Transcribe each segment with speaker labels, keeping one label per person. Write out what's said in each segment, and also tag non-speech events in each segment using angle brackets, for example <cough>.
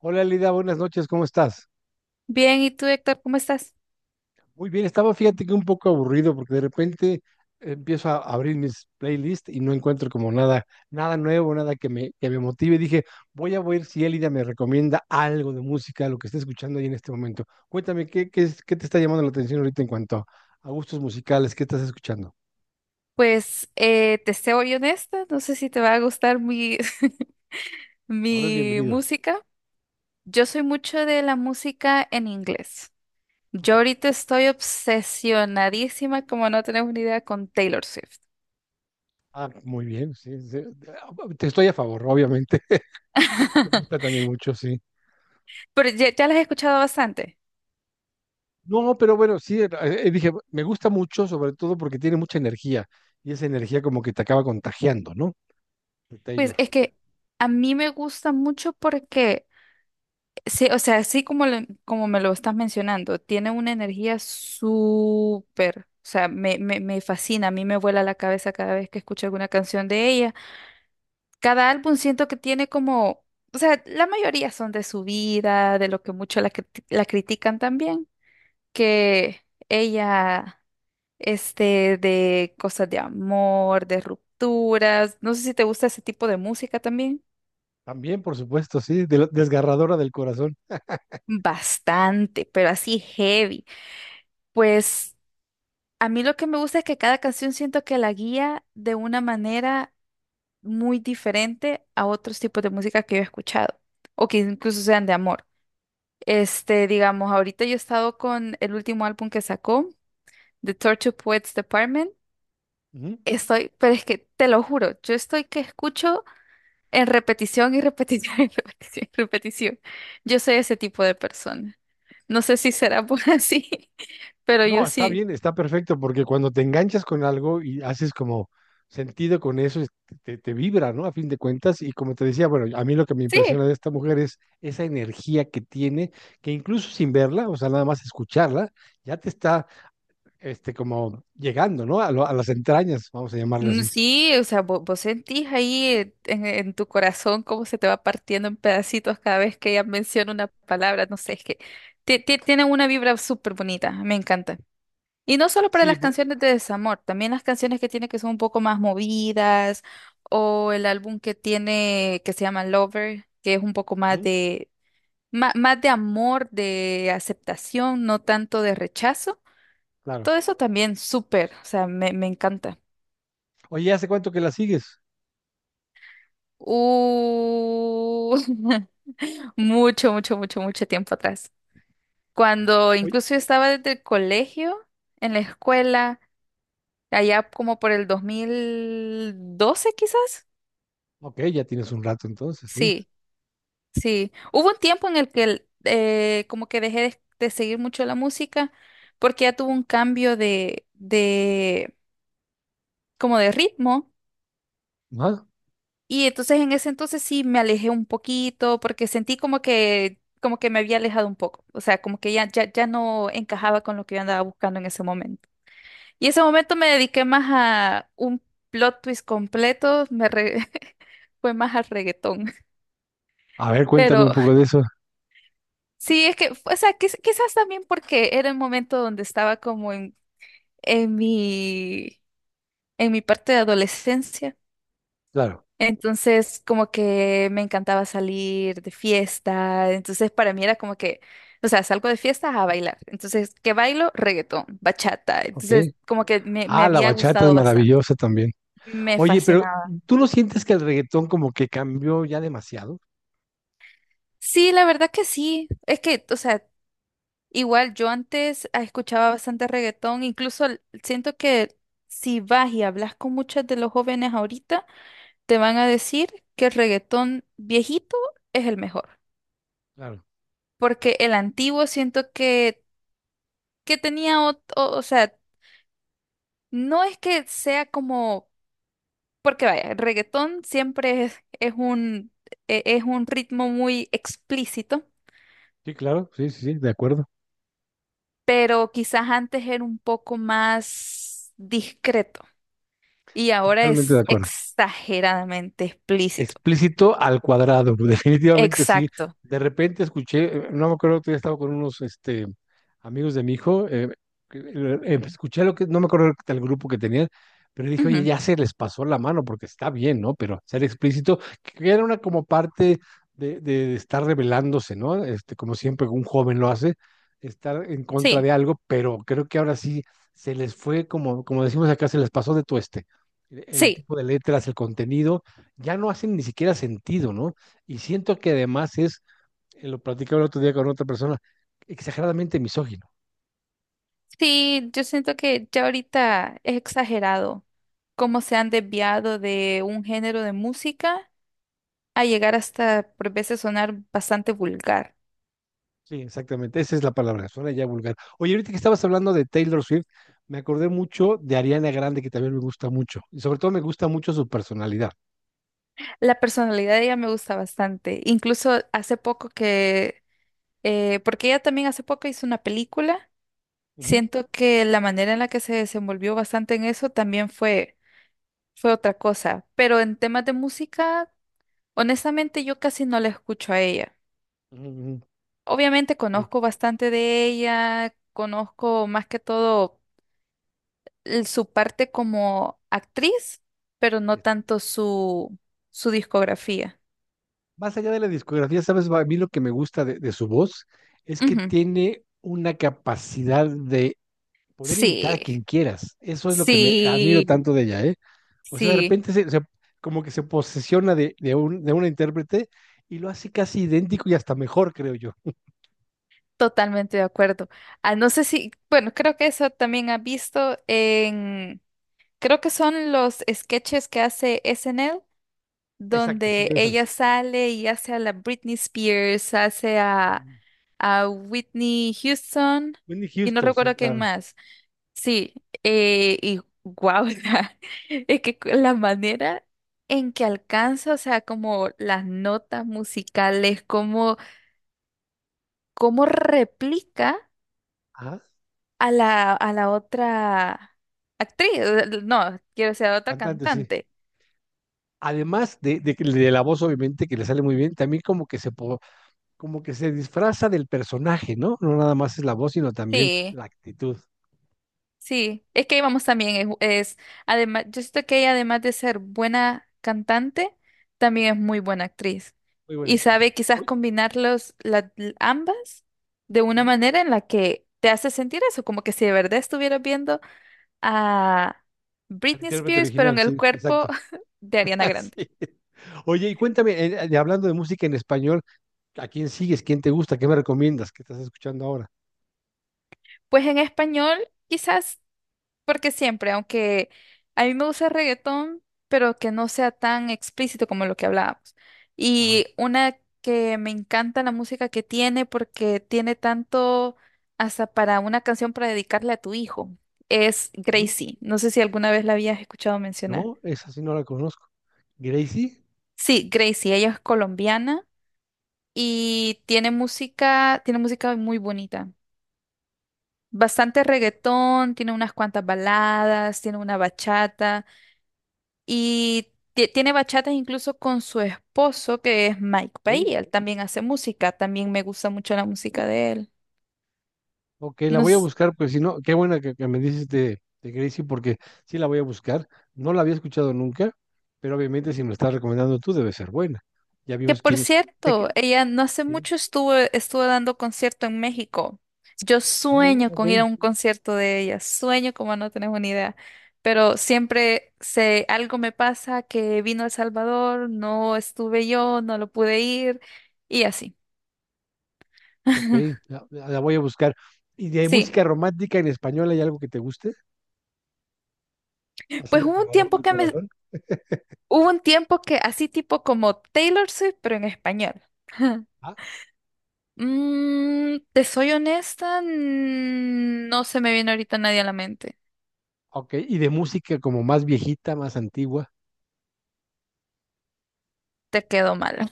Speaker 1: Hola Lida, buenas noches, ¿cómo estás?
Speaker 2: Bien, ¿y tú, Héctor, cómo estás?
Speaker 1: Muy bien, estaba fíjate que un poco aburrido porque de repente empiezo a abrir mis playlists y no encuentro como nada, nada nuevo, nada que me motive. Dije, voy a ver si Elida me recomienda algo de música, lo que esté escuchando ahí en este momento. Cuéntame, ¿ qué te está llamando la atención ahorita en cuanto a gustos musicales? ¿Qué estás escuchando?
Speaker 2: Te soy honesta, no sé si te va a gustar <laughs>
Speaker 1: Todo es
Speaker 2: mi
Speaker 1: bienvenido.
Speaker 2: música. Yo soy mucho de la música en inglés. Yo
Speaker 1: Ok.
Speaker 2: ahorita estoy obsesionadísima, como no tenemos ni idea, con Taylor Swift.
Speaker 1: Ah, muy bien, sí, sí. Te estoy a favor, obviamente. <laughs> Me gusta
Speaker 2: <laughs>
Speaker 1: también mucho, sí.
Speaker 2: Pero ya las he escuchado bastante.
Speaker 1: No, pero bueno, sí, dije, me gusta mucho, sobre todo porque tiene mucha energía y esa energía como que te acaba contagiando, ¿no? De
Speaker 2: Pues
Speaker 1: Taylor.
Speaker 2: es que a mí me gusta mucho porque sí. O sea, así como, como me lo estás mencionando, tiene una energía súper. O sea, me fascina, a mí me vuela la cabeza cada vez que escucho alguna canción de ella. Cada álbum siento que tiene como, o sea, la mayoría son de su vida, de lo que mucho la critican también, que ella, de cosas de amor, de rupturas, no sé si te gusta ese tipo de música también.
Speaker 1: También, por supuesto, sí, desgarradora del corazón.
Speaker 2: Bastante, pero así heavy. Pues... A mí lo que me gusta es que cada canción siento que la guía de una manera muy diferente a otros tipos de música que yo he escuchado o que incluso sean de amor. Digamos, ahorita yo he estado con el último álbum que sacó, The Tortured Poets Department.
Speaker 1: Ujú.
Speaker 2: Estoy, pero es que te lo juro, yo estoy que escucho en repetición y repetición y <laughs> repetición y repetición. Yo soy ese tipo de persona. No sé si será por así, <laughs> pero yo
Speaker 1: No, está
Speaker 2: sí.
Speaker 1: bien, está perfecto porque cuando te enganchas con algo y haces como sentido con eso, te vibra, ¿no? A fin de cuentas, y como te decía, bueno, a mí lo que me impresiona
Speaker 2: Sí.
Speaker 1: de esta mujer es esa energía que tiene, que incluso sin verla, o sea, nada más escucharla, ya te está este, como llegando, ¿no? A, a las entrañas, vamos a llamarle
Speaker 2: Mm,
Speaker 1: así.
Speaker 2: sí. O sea, vos, sentís ahí en tu corazón cómo se te va partiendo en pedacitos cada vez que ella menciona una palabra, no sé, es que tiene una vibra súper bonita, me encanta. Y no solo para
Speaker 1: Sí,
Speaker 2: las
Speaker 1: por-
Speaker 2: canciones de desamor, también las canciones que tiene que son un poco más movidas, o el álbum que tiene que se llama Lover, que es un poco más
Speaker 1: ujú,
Speaker 2: más de amor, de aceptación, no tanto de rechazo.
Speaker 1: claro.
Speaker 2: Todo eso también súper, o sea, me encanta.
Speaker 1: Oye, ¿hace cuánto que la sigues?
Speaker 2: Uh, <laughs> mucho tiempo atrás. Cuando
Speaker 1: Oye,
Speaker 2: incluso yo estaba desde el colegio, en la escuela, allá como por el 2012 quizás.
Speaker 1: ok, ya tienes un rato entonces, sí.
Speaker 2: Sí, sí. Hubo un tiempo en el que como que dejé de seguir mucho la música porque ya tuvo un cambio como de ritmo.
Speaker 1: Ajá.
Speaker 2: Y entonces en ese entonces sí me alejé un poquito porque sentí como que me había alejado un poco. O sea, como que ya no encajaba con lo que yo andaba buscando en ese momento. Y ese momento me dediqué más a un plot twist completo, <laughs> fue más al reggaetón. <laughs>
Speaker 1: A ver, cuéntame un
Speaker 2: Pero
Speaker 1: poco de eso.
Speaker 2: sí, es que, o sea, quizás también porque era el momento donde estaba como en mi, en mi parte de adolescencia.
Speaker 1: Claro,
Speaker 2: Entonces, como que me encantaba salir de fiesta. Entonces, para mí era como que, o sea, salgo de fiesta a bailar. Entonces, ¿qué bailo? Reggaetón, bachata.
Speaker 1: ok.
Speaker 2: Entonces, como que me
Speaker 1: Ah, la
Speaker 2: había
Speaker 1: bachata es
Speaker 2: gustado bastante.
Speaker 1: maravillosa también.
Speaker 2: Me
Speaker 1: Oye, pero
Speaker 2: fascinaba.
Speaker 1: ¿tú no sientes que el reggaetón como que cambió ya demasiado?
Speaker 2: Sí, la verdad que sí. Es que, o sea, igual yo antes escuchaba bastante reggaetón. Incluso siento que si vas y hablas con muchos de los jóvenes ahorita, te van a decir que el reggaetón viejito es el mejor.
Speaker 1: Claro.
Speaker 2: Porque el antiguo siento que tenía, o sea, no es que sea como, porque vaya, el reggaetón siempre es un, es un ritmo muy explícito,
Speaker 1: Sí, claro, sí, sí, sí, de acuerdo.
Speaker 2: pero quizás antes era un poco más discreto y ahora
Speaker 1: Totalmente de
Speaker 2: es
Speaker 1: acuerdo.
Speaker 2: exageradamente explícito.
Speaker 1: Explícito al cuadrado, <laughs> definitivamente sí.
Speaker 2: Exacto.
Speaker 1: De repente escuché, no me acuerdo que estaba con unos este, amigos de mi hijo, escuché lo que, no me acuerdo del grupo que tenían, pero dije, oye,
Speaker 2: Ujú.
Speaker 1: ya se les pasó la mano porque está bien, ¿no? Pero ser explícito, que era una como parte de estar rebelándose, ¿no? Este, como siempre un joven lo hace, estar en contra
Speaker 2: Sí,
Speaker 1: de algo, pero creo que ahora sí se les fue, como, como decimos acá, se les pasó de tueste. El
Speaker 2: sí,
Speaker 1: tipo de letras, el contenido ya no hacen ni siquiera sentido, ¿no? Y siento que además es, lo platicaba el otro día con otra persona, exageradamente misógino.
Speaker 2: sí, yo siento que ya ahorita es exagerado cómo se han desviado de un género de música a llegar hasta por veces sonar bastante vulgar.
Speaker 1: Sí, exactamente, esa es la palabra, suena ya vulgar. Oye, ahorita que estabas hablando de Taylor Swift, me acordé mucho de Ariana Grande, que también me gusta mucho, y sobre todo me gusta mucho su personalidad.
Speaker 2: La personalidad de ella me gusta bastante. Incluso hace poco que, porque ella también hace poco hizo una película,
Speaker 1: Ujú,
Speaker 2: siento que la manera en la que se desenvolvió bastante en eso también fue otra cosa. Pero en temas de música, honestamente yo casi no la escucho a ella.
Speaker 1: ujú, ujú.
Speaker 2: Obviamente
Speaker 1: Sí,
Speaker 2: conozco bastante de ella, conozco más que todo su parte como actriz, pero no
Speaker 1: es-
Speaker 2: tanto su discografía.
Speaker 1: Más allá de la discografía, ¿sabes? A mí lo que me gusta de su voz es que
Speaker 2: Ujú.
Speaker 1: tiene una capacidad de poder imitar a
Speaker 2: Sí,
Speaker 1: quien quieras. Eso es lo que me admiro
Speaker 2: sí,
Speaker 1: tanto de ella, ¿eh? O sea, de
Speaker 2: sí,
Speaker 1: repente como que se posesiona de un intérprete y lo hace casi idéntico y hasta mejor, creo yo.
Speaker 2: totalmente de acuerdo. Ah, no sé si, bueno, creo que eso también ha visto en, creo que son los sketches que hace SNL,
Speaker 1: Exacto, sí,
Speaker 2: donde
Speaker 1: de
Speaker 2: ella
Speaker 1: esas.
Speaker 2: sale y hace a la Britney Spears, hace
Speaker 1: Mm.
Speaker 2: a Whitney Houston
Speaker 1: Whitney
Speaker 2: y no
Speaker 1: Houston, sí,
Speaker 2: recuerdo quién
Speaker 1: claro.
Speaker 2: más. Sí, y guau, <laughs> o sea, es que la manera en que alcanza, o sea, como las notas musicales, cómo, cómo replica
Speaker 1: Ajá,
Speaker 2: a a la otra actriz, no, quiero decir, a la otra
Speaker 1: cantante, sí.
Speaker 2: cantante.
Speaker 1: Además de la voz, obviamente, que le sale muy bien, también como que como que se disfraza del personaje, ¿no? No nada más es la voz, sino también
Speaker 2: Sí.
Speaker 1: la actitud.
Speaker 2: Sí, es que ahí vamos también, es además, yo siento que ella además de ser buena cantante, también es muy buena actriz
Speaker 1: Muy buena
Speaker 2: y
Speaker 1: actriz.
Speaker 2: sabe quizás
Speaker 1: Uy,
Speaker 2: combinarlos ambas de una
Speaker 1: ujú,
Speaker 2: manera en la que te hace sentir eso, como que si de verdad estuvieras viendo a
Speaker 1: al
Speaker 2: Britney
Speaker 1: intérprete
Speaker 2: Spears, pero
Speaker 1: original,
Speaker 2: en el
Speaker 1: sí,
Speaker 2: cuerpo
Speaker 1: exacto.
Speaker 2: <laughs> de Ariana
Speaker 1: <laughs>
Speaker 2: Grande.
Speaker 1: Sí. Oye, y cuéntame, hablando de música en español, ¿a quién sigues? ¿Quién te gusta? ¿Qué me recomiendas? ¿Qué estás escuchando ahora?
Speaker 2: Pues en español, quizás, porque siempre, aunque a mí me gusta el reggaetón, pero que no sea tan explícito como lo que hablábamos.
Speaker 1: Ajá.
Speaker 2: Y una que me encanta la música que tiene, porque tiene tanto hasta para una canción para dedicarle a tu hijo, es
Speaker 1: Ujú.
Speaker 2: Gracie. No sé si alguna vez la habías escuchado mencionar.
Speaker 1: No, esa sí no la conozco. Gracie,
Speaker 2: Sí, Gracie, ella es colombiana y tiene música muy bonita. Bastante reggaetón, tiene unas cuantas baladas, tiene una bachata. Y tiene bachatas incluso con su esposo, que es Mike Pay.
Speaker 1: ¿eh?
Speaker 2: Él también hace música. También me gusta mucho la música de él.
Speaker 1: Ok, la
Speaker 2: No
Speaker 1: voy a
Speaker 2: s-
Speaker 1: buscar, pues si no, qué buena que me dices de Gracie, porque sí la voy a buscar. No la había escuchado nunca, pero obviamente si me la estás recomendando tú, debe ser buena. Ya
Speaker 2: Que
Speaker 1: vimos
Speaker 2: por
Speaker 1: quién. De
Speaker 2: cierto,
Speaker 1: qué-
Speaker 2: ella no hace
Speaker 1: sí,
Speaker 2: mucho estuvo dando concierto en México. Yo
Speaker 1: no me-
Speaker 2: sueño
Speaker 1: ok,
Speaker 2: con ir a un concierto de ella. Sueño como no tenés una idea. Pero siempre sé, algo me pasa que vino a El Salvador, no estuve yo, no lo pude ir y así.
Speaker 1: ok,
Speaker 2: <laughs>
Speaker 1: la voy a buscar. ¿Y de
Speaker 2: Sí,
Speaker 1: música romántica en español hay algo que te guste? Así
Speaker 2: pues
Speaker 1: de.
Speaker 2: hubo un tiempo hubo un tiempo que así tipo como Taylor Swift, pero en español. <laughs>
Speaker 1: Ah,
Speaker 2: Mm, te soy honesta, no se me viene ahorita nadie a la mente.
Speaker 1: ok, y de música como más viejita, más antigua.
Speaker 2: Te quedo mal.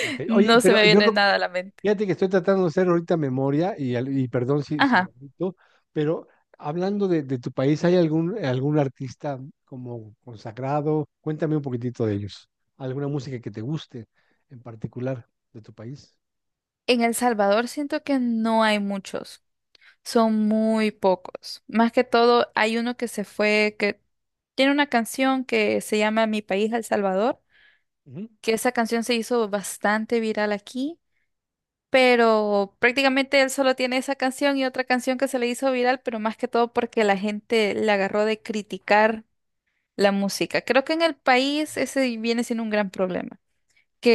Speaker 1: Ok. Oye,
Speaker 2: No se
Speaker 1: pero
Speaker 2: me
Speaker 1: yo
Speaker 2: viene
Speaker 1: lo,
Speaker 2: nada a la mente.
Speaker 1: fíjate que estoy tratando de hacer ahorita memoria y, al- y perdón si, si
Speaker 2: Ajá.
Speaker 1: omito, pero hablando de tu país, ¿hay algún, algún artista como consagrado? Cuéntame un poquitito de ellos. ¿Alguna música que te guste en particular de tu país?
Speaker 2: En El Salvador siento que no hay muchos. Son muy pocos. Más que todo, hay uno que se fue, que tiene una canción que se llama Mi país, El Salvador,
Speaker 1: Ujú.
Speaker 2: que esa canción se hizo bastante viral aquí, pero prácticamente él solo tiene esa canción y otra canción que se le hizo viral, pero más que todo porque la gente le agarró de criticar la música. Creo que en el país ese viene siendo un gran problema.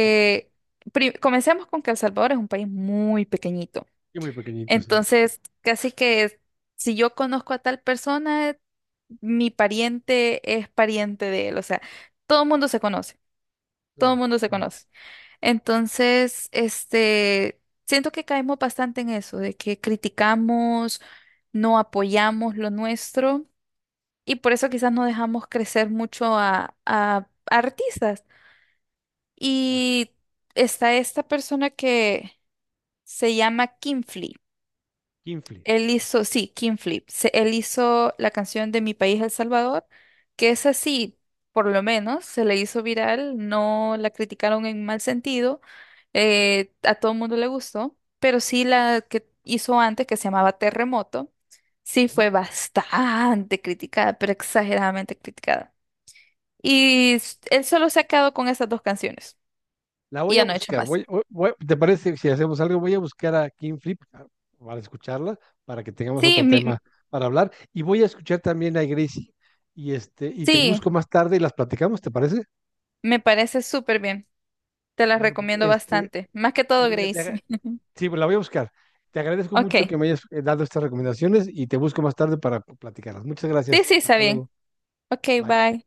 Speaker 1: Ok.
Speaker 2: comencemos con que El Salvador es un país muy pequeñito.
Speaker 1: Y muy pequeñito, sí.
Speaker 2: Entonces, casi que si yo conozco a tal persona, mi pariente es pariente de él. O sea, todo el mundo se conoce, todo el
Speaker 1: Claro,
Speaker 2: mundo se
Speaker 1: claro.
Speaker 2: conoce. Entonces, siento que caemos bastante en eso, de que criticamos, no apoyamos lo nuestro y por eso quizás no dejamos crecer mucho a artistas.
Speaker 1: Ya.
Speaker 2: Y está esta persona que se llama Kinfly.
Speaker 1: Kinfly.
Speaker 2: Él hizo, sí, King Flip. Él hizo la canción de Mi País El Salvador, que es así, por lo menos, se le hizo viral, no la criticaron en mal sentido, a todo el mundo le gustó, pero sí la que hizo antes, que se llamaba Terremoto, sí
Speaker 1: Ok.
Speaker 2: fue bastante criticada, pero exageradamente criticada. Y él solo se ha quedado con esas dos canciones
Speaker 1: La
Speaker 2: y
Speaker 1: voy a
Speaker 2: ya no ha hecho
Speaker 1: buscar.
Speaker 2: más.
Speaker 1: Voy, voy- ¿te parece si hacemos algo? Voy a buscar a King Flip para escucharla, para que tengamos
Speaker 2: Sí,
Speaker 1: otro tema
Speaker 2: mi-
Speaker 1: para hablar. Y voy a escuchar también a Gracie y este, y te
Speaker 2: sí,
Speaker 1: busco más tarde y las platicamos, ¿te parece?
Speaker 2: me parece súper bien. Te las
Speaker 1: Bueno, pues,
Speaker 2: recomiendo
Speaker 1: este,
Speaker 2: bastante. Más que todo,
Speaker 1: Elena, te agra-
Speaker 2: Gracie.
Speaker 1: sí, pues la voy a buscar. Te agradezco mucho
Speaker 2: Ok.
Speaker 1: que me hayas dado estas recomendaciones y te busco más tarde para platicarlas. Muchas
Speaker 2: Sí,
Speaker 1: gracias.
Speaker 2: sí, está
Speaker 1: Hasta
Speaker 2: bien.
Speaker 1: luego.
Speaker 2: Ok,
Speaker 1: Bye.
Speaker 2: bye.